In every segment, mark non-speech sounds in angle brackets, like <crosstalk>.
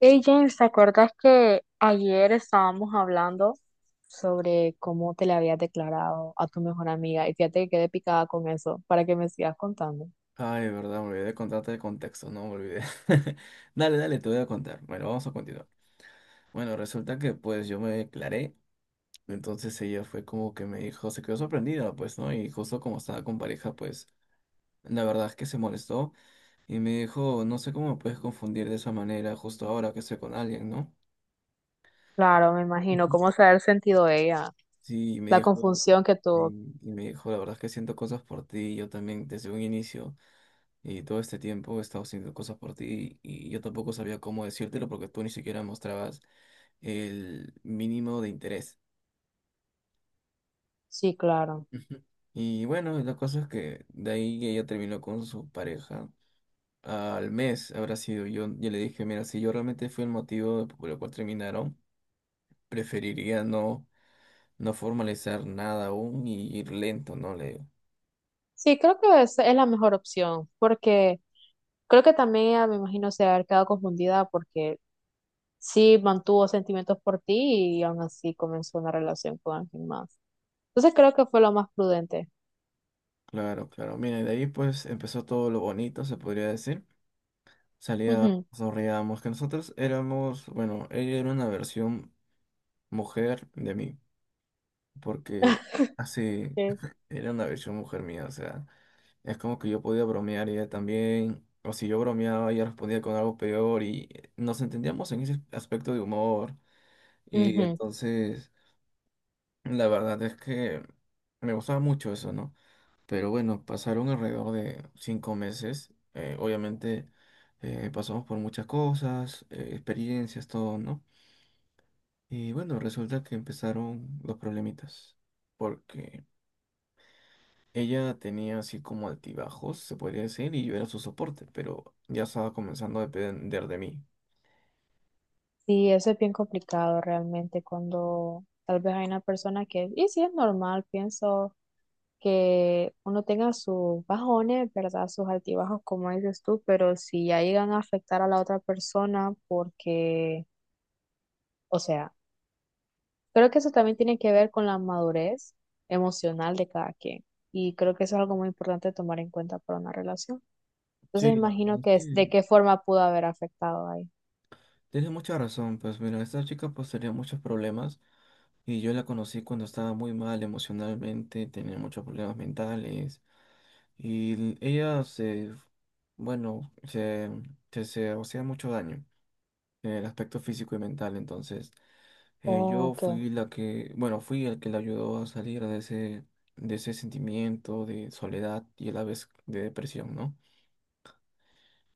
Hey James, ¿te acuerdas que ayer estábamos hablando sobre cómo te le habías declarado a tu mejor amiga? Y fíjate que quedé picada con eso para que me sigas contando. Ay, verdad, me olvidé de contarte el contexto, no me olvidé. <laughs> Dale, dale, te voy a contar. Bueno, vamos a continuar. Bueno, resulta que pues yo me declaré, entonces ella fue como que me dijo, se quedó sorprendida, pues, ¿no? Y justo como estaba con pareja, pues, la verdad es que se molestó y me dijo, no sé cómo me puedes confundir de esa manera justo ahora que estoy con alguien, ¿no? Claro, me imagino Ujú. cómo se ha de haber sentido ella, Sí, y me la dijo, confusión que tuvo. y, y me dijo, la verdad es que siento cosas por ti, yo también desde un inicio. Y todo este tiempo he estado haciendo cosas por ti y yo tampoco sabía cómo decírtelo porque tú ni siquiera mostrabas el mínimo de interés. Sí, claro. Ujú. Y bueno, la cosa es que de ahí ella terminó con su pareja. Al mes habrá sido yo le dije, mira, si yo realmente fui el motivo por el cual terminaron, preferiría no formalizar nada aún y ir lento, ¿no? Le digo. Sí, creo que esa es la mejor opción, porque creo que también ella, me imagino, se ha de haber quedado confundida porque sí mantuvo sentimientos por ti y aún así comenzó una relación con alguien más. Entonces creo que fue lo más prudente. Claro, claro. Mira, y de ahí pues empezó todo lo bonito, se podría decir. Salía dormíamos, que nosotros éramos, bueno, ella era una versión mujer de mí, porque <laughs> así Sí. <laughs> era una versión mujer mía, o sea, es como que yo podía bromear y ella también, o si yo bromeaba, ella respondía con algo peor y nos entendíamos en ese aspecto de humor y Ujú. entonces la verdad es que me gustaba mucho eso, ¿no? Pero bueno, pasaron alrededor de 5 meses. Obviamente pasamos por muchas cosas, experiencias, todo, ¿no? Y bueno, resulta que empezaron los problemitas. Porque ella tenía así como altibajos, se podría decir, y yo era su soporte, pero ya estaba comenzando a depender de mí. Sí, eso es bien complicado realmente cuando tal vez hay una persona que, y sí es normal, pienso que uno tenga sus bajones, ¿verdad? Sus altibajos, como dices tú, pero si ya llegan a afectar a la otra persona porque, o sea, creo que eso también tiene que ver con la madurez emocional de cada quien, y creo que eso es algo muy importante tomar en cuenta para una relación. Entonces Sí, la verdad imagino es que es que de qué forma pudo haber afectado ahí. tienes mucha razón. Pues mira, esta chica pues tenía muchos problemas. Y yo la conocí cuando estaba muy mal emocionalmente, tenía muchos problemas mentales. Y ella se, bueno, se hacía mucho daño en el aspecto físico y mental. Entonces, Oh, yo ok. fui el que la ayudó a salir de ese sentimiento de soledad y a la vez de depresión, ¿no?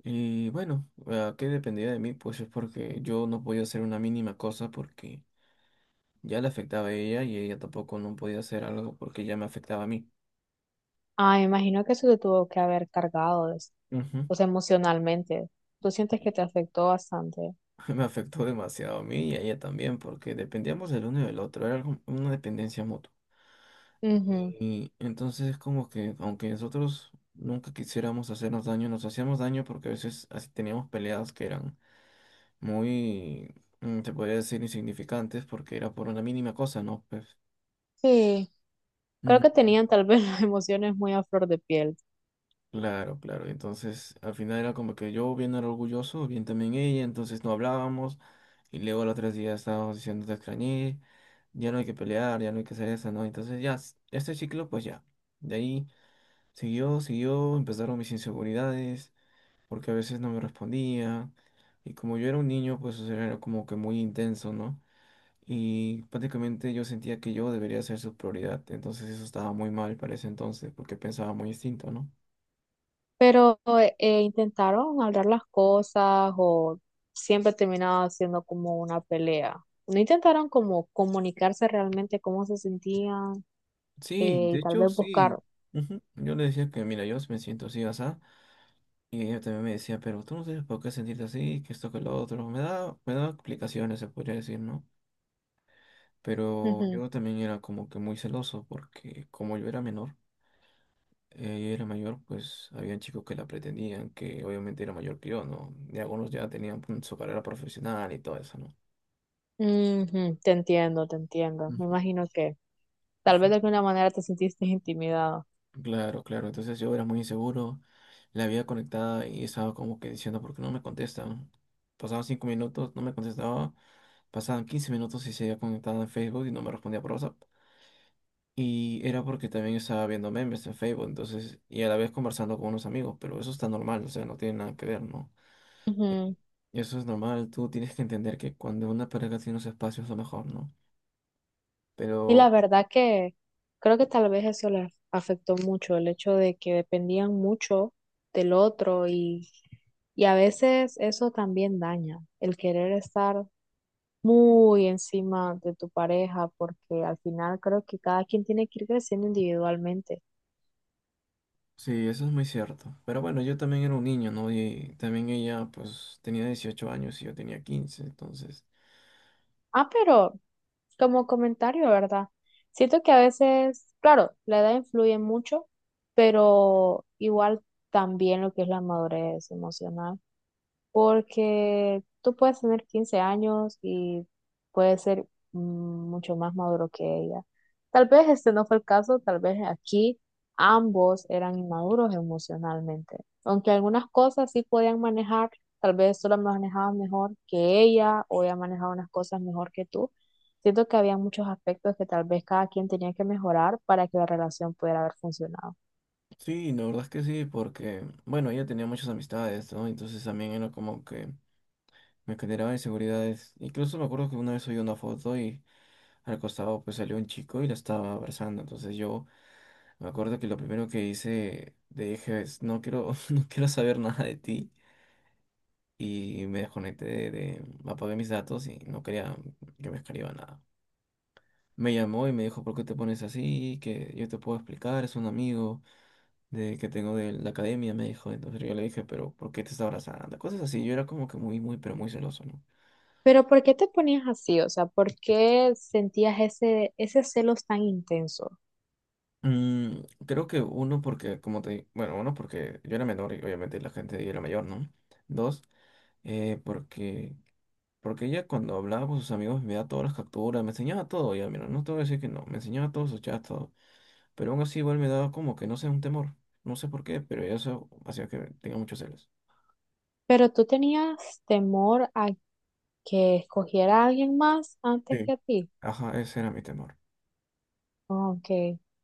Y bueno, ¿a qué dependía de mí? Pues es porque yo no podía hacer una mínima cosa porque ya le afectaba a ella y ella tampoco no podía hacer algo porque ya me afectaba a mí. Ah, me imagino que eso te tuvo que haber cargado, Ujú. pues emocionalmente. Tú sientes que te afectó bastante. <laughs> Me afectó demasiado a mí y a ella también, porque dependíamos del uno y del otro, era una dependencia mutua. Ujú. Y entonces es como que, aunque nosotros nunca quisiéramos hacernos daño, nos hacíamos daño porque a veces así teníamos peleas que eran muy, se podría decir, insignificantes, porque era por una mínima cosa, ¿no? Pues. Sí, creo que tenían tal vez <laughs> las emociones muy a flor de piel, Claro, claro. Entonces, al final era como que yo bien era orgulloso, bien también ella, entonces no hablábamos. Y luego los 3 días estábamos diciendo te extrañé, ya no hay que pelear, ya no hay que hacer eso, ¿no? Entonces ya, este ciclo, pues ya. De ahí siguió, siguió, empezaron mis inseguridades, porque a veces no me respondía. Y como yo era un niño, pues o sea, era como que muy intenso, ¿no? Y prácticamente yo sentía que yo debería ser su prioridad. Entonces eso estaba muy mal para ese entonces, porque pensaba muy distinto, ¿no? pero ¿intentaron hablar las cosas o siempre terminaba siendo como una pelea? No intentaron como comunicarse realmente cómo se sentían, Sí, de y tal hecho, vez buscar. sí. Ujú. Yo le decía que, mira, yo sí me siento así, asá. Y ella también me decía, pero tú no tienes por qué sentirte así, que esto, que lo otro. Me da explicaciones, se podría decir, ¿no? Pero Ujú, yo también era como que muy celoso, porque como yo era menor, ella era mayor, pues había chicos que la pretendían, que obviamente era mayor que yo, ¿no? Y algunos ya tenían pues, su carrera profesional y todo eso, ¿no? ujú. Te entiendo, te entiendo. Me Ujú. imagino que tal vez de alguna manera te sentiste intimidado. Claro, claro. Entonces yo era muy inseguro, la había conectada y estaba como que diciendo, ¿por qué no me contestan? Pasaban 5 minutos, no me contestaba. Pasaban 15 minutos y se había conectado en Facebook y no me respondía por WhatsApp. Y era porque también estaba viendo memes en Facebook, entonces, y a la vez conversando con unos amigos, pero eso está normal, o sea, no tiene nada que ver, ¿no? Ujú. Eso es normal, tú tienes que entender que cuando una pareja tiene unos espacios es lo mejor, ¿no? Y Pero. la verdad que creo que tal vez eso les afectó mucho, el hecho de que dependían mucho del otro y a veces eso también daña, el querer estar muy encima de tu pareja, porque al final creo que cada quien tiene que ir creciendo individualmente. Sí, eso es muy cierto. Pero bueno, yo también era un niño, ¿no? Y también ella, pues, tenía 18 años y yo tenía 15. Entonces, Ah, pero como comentario, ¿verdad? Siento que a veces, claro, la edad influye mucho, pero igual también lo que es la madurez emocional. Porque tú puedes tener 15 años y puedes ser, mm, mucho más maduro que ella. Tal vez este no fue el caso, tal vez aquí ambos eran inmaduros emocionalmente. Aunque algunas cosas sí podían manejar, tal vez tú las manejabas mejor que ella o ella manejaba unas cosas mejor que tú. Siento que había muchos aspectos que tal vez cada quien tenía que mejorar para que la relación pudiera haber funcionado. sí, la verdad es que sí, porque, bueno, ella tenía muchas amistades, ¿no? Entonces también era como que me generaba inseguridades. Incluso me acuerdo que una vez subí una foto y al costado, pues, salió un chico y la estaba abrazando. Entonces yo me acuerdo que lo primero que hice, le dije, no quiero, <laughs> no quiero saber nada de ti. Y me desconecté apagué mis datos y no quería que me escriba nada. Me llamó y me dijo, ¿por qué te pones así? Que yo te puedo explicar, es un amigo que tengo de la academia, me dijo. Entonces yo le dije, pero ¿por qué te está abrazando? Cosas así, yo era como que muy, muy, pero muy celoso, ¿no? Pero ¿por qué te ponías así? O sea, ¿por qué sentías ese, ese celos tan intenso? Creo que uno porque, como te, di- bueno, uno porque yo era menor y obviamente la gente ahí era mayor, ¿no? Dos, porque, porque ella cuando hablaba con sus amigos me da todas las capturas, me enseñaba todo, ya, mira, no te voy a decir que no, me enseñaba todos sus chats, todo. Pero aún así igual me daba como que no sé, un temor. No sé por qué, pero eso hacía que tenga muchos celos. Pero tú tenías temor a que escogiera a alguien más antes que Sí. a ti. Ajá, ese era mi temor. Oh, ok,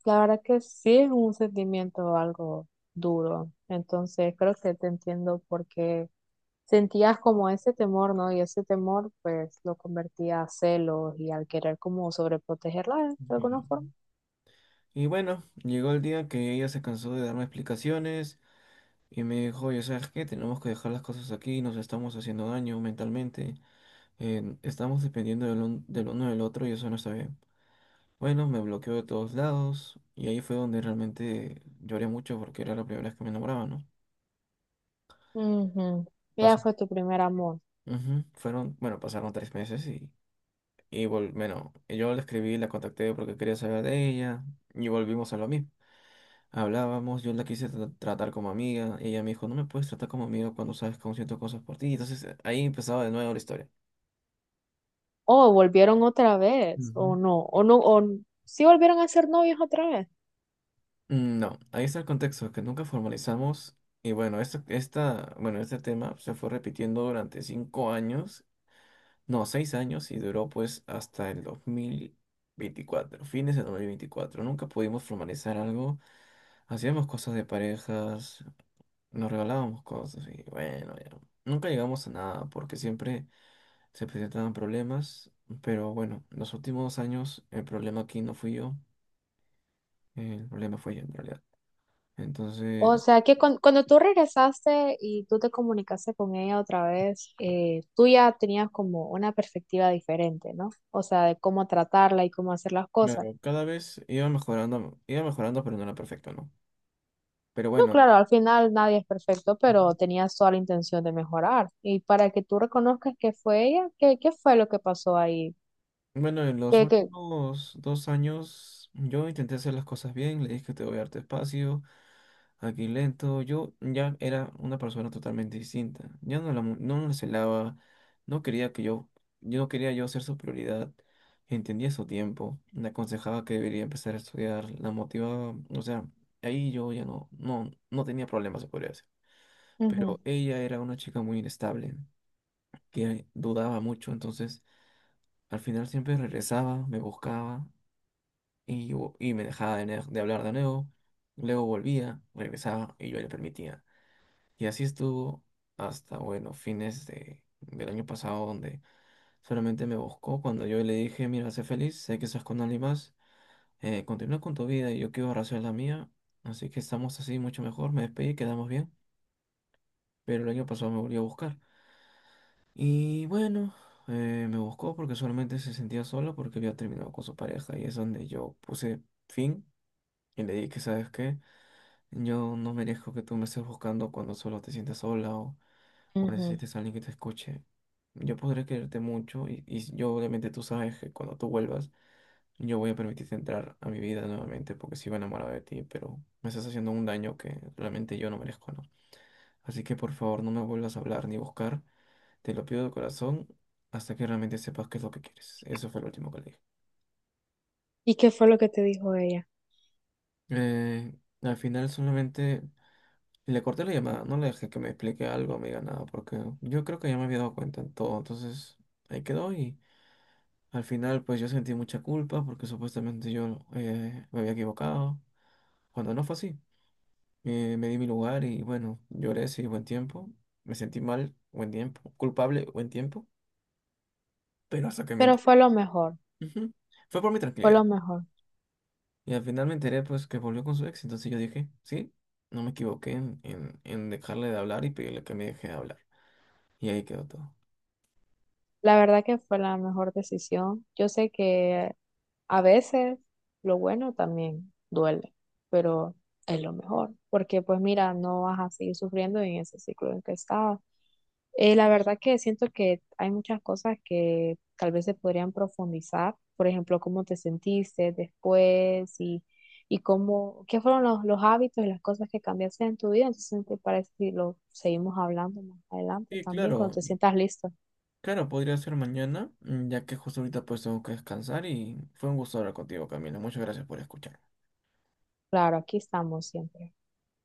la verdad que sí es un sentimiento algo duro. Entonces creo que te entiendo porque sentías como ese temor, ¿no? Y ese temor pues lo convertía a celos y al querer como sobreprotegerla de Ujú. alguna forma. Y bueno, llegó el día que ella se cansó de darme explicaciones y me dijo, oye, ¿sabes qué? Tenemos que dejar las cosas aquí, nos estamos haciendo daño mentalmente, estamos dependiendo del uno del otro y eso no está bien. Bueno, me bloqueó de todos lados y ahí fue donde realmente lloré mucho porque era la primera vez que me enamoraba, ¿no? Ujú. Ella Pasó. fue tu primer amor. Ujú. Pasaron 3 meses y yo la escribí, la contacté porque quería saber de ella y volvimos a lo mismo. Hablábamos, yo la quise tratar como amiga, ella me dijo, no me puedes tratar como amiga cuando sabes cómo siento cosas por ti. Entonces ahí empezaba de nuevo la historia. Oh, ¿volvieron otra vez, o Ujú. no, o no, o sí volvieron a ser novios otra vez? No, ahí está el contexto, que nunca formalizamos. Y bueno, este tema se fue repitiendo durante 5 años, no, 6 años, y duró pues hasta el 2024, fines de 2024. Nunca pudimos formalizar algo, hacíamos cosas de parejas. Nos regalábamos cosas y bueno, ya. Nunca llegamos a nada porque siempre se presentaban problemas, pero bueno, los últimos años el problema aquí no fui yo, el problema fue ella en realidad. O Entonces, sea que cuando tú regresaste y tú te comunicaste con ella otra vez, tú ya tenías como una perspectiva diferente, ¿no? O sea, de cómo tratarla y cómo hacer las cosas. claro, cada vez iba mejorando, pero no era perfecto, ¿no? Pero No, bueno, claro, al final nadie es perfecto, ya. pero tenías toda la intención de mejorar. Y para que tú reconozcas que fue ella, ¿qué fue lo que pasó ahí? Bueno, en los ¿Qué, qué? últimos 2 años yo intenté hacer las cosas bien, le dije que te voy a darte espacio, aquí lento, yo ya era una persona totalmente distinta, ya no la celaba, no quería que yo no quería yo ser su prioridad, entendía su tiempo, me aconsejaba que debería empezar a estudiar, la motivaba, o sea, ahí yo ya no tenía problemas, se podría decir, pero ella era una chica muy inestable, que dudaba mucho, entonces... Al final siempre regresaba, me buscaba y me dejaba de hablar de nuevo. Luego volvía, regresaba y yo le permitía. Y así estuvo hasta, bueno, fines del año pasado, donde solamente me buscó cuando yo le dije, mira, sé feliz, sé que estás con alguien más, continúa con tu vida y yo quiero hacer la mía. Así que estamos así mucho mejor, me despedí, quedamos bien. Pero el año pasado me volvió a buscar. Y bueno, me buscó porque solamente se sentía solo porque había terminado con su pareja y es donde yo puse fin y le dije, ¿sabes qué? Yo no merezco que tú me estés buscando cuando solo te sientes sola o, Ujú, o ujú. necesites a alguien que te escuche. Yo podré quererte mucho y yo obviamente tú sabes que cuando tú vuelvas yo voy a permitirte entrar a mi vida nuevamente porque sigo enamorado de ti, pero me estás haciendo un daño que realmente yo no merezco, ¿no? Así que por favor no me vuelvas a hablar ni buscar, te lo pido de corazón hasta que realmente sepas qué es lo que quieres. Eso fue lo último que le dije. ¿Y qué fue lo que te dijo ella? Eh, al final solamente... Le corté la llamada, no le dejé que me explique algo, me diga nada, porque yo creo que ya me había dado cuenta en todo. Entonces, ahí quedó y al final pues yo sentí mucha culpa porque supuestamente yo me había equivocado, cuando no fue así. Me di mi lugar y bueno, lloré, sí, buen tiempo. Me sentí mal, buen tiempo. Culpable, buen tiempo. Pero hasta que me Pero enteré. fue lo mejor, Ujú. Fue por mi fue tranquilidad. lo mejor. Y al final me enteré pues que volvió con su ex, entonces yo dije, sí, no me equivoqué en dejarle de hablar y pedirle que me deje de hablar. Y ahí quedó todo. La verdad que fue la mejor decisión. Yo sé que a veces lo bueno también duele, pero es lo mejor, porque pues mira, no vas a seguir sufriendo en ese ciclo en que estabas. La verdad que siento que hay muchas cosas que tal vez se podrían profundizar, por ejemplo, cómo te sentiste después y cómo, qué fueron los hábitos y las cosas que cambiaste en tu vida. Entonces, ¿te parece si lo seguimos hablando más adelante Sí, también cuando claro, te sientas listo? claro, podría ser mañana, ya que justo ahorita pues tengo que descansar y fue un gusto hablar contigo, Camilo. Muchas gracias por escuchar. Claro, aquí estamos siempre.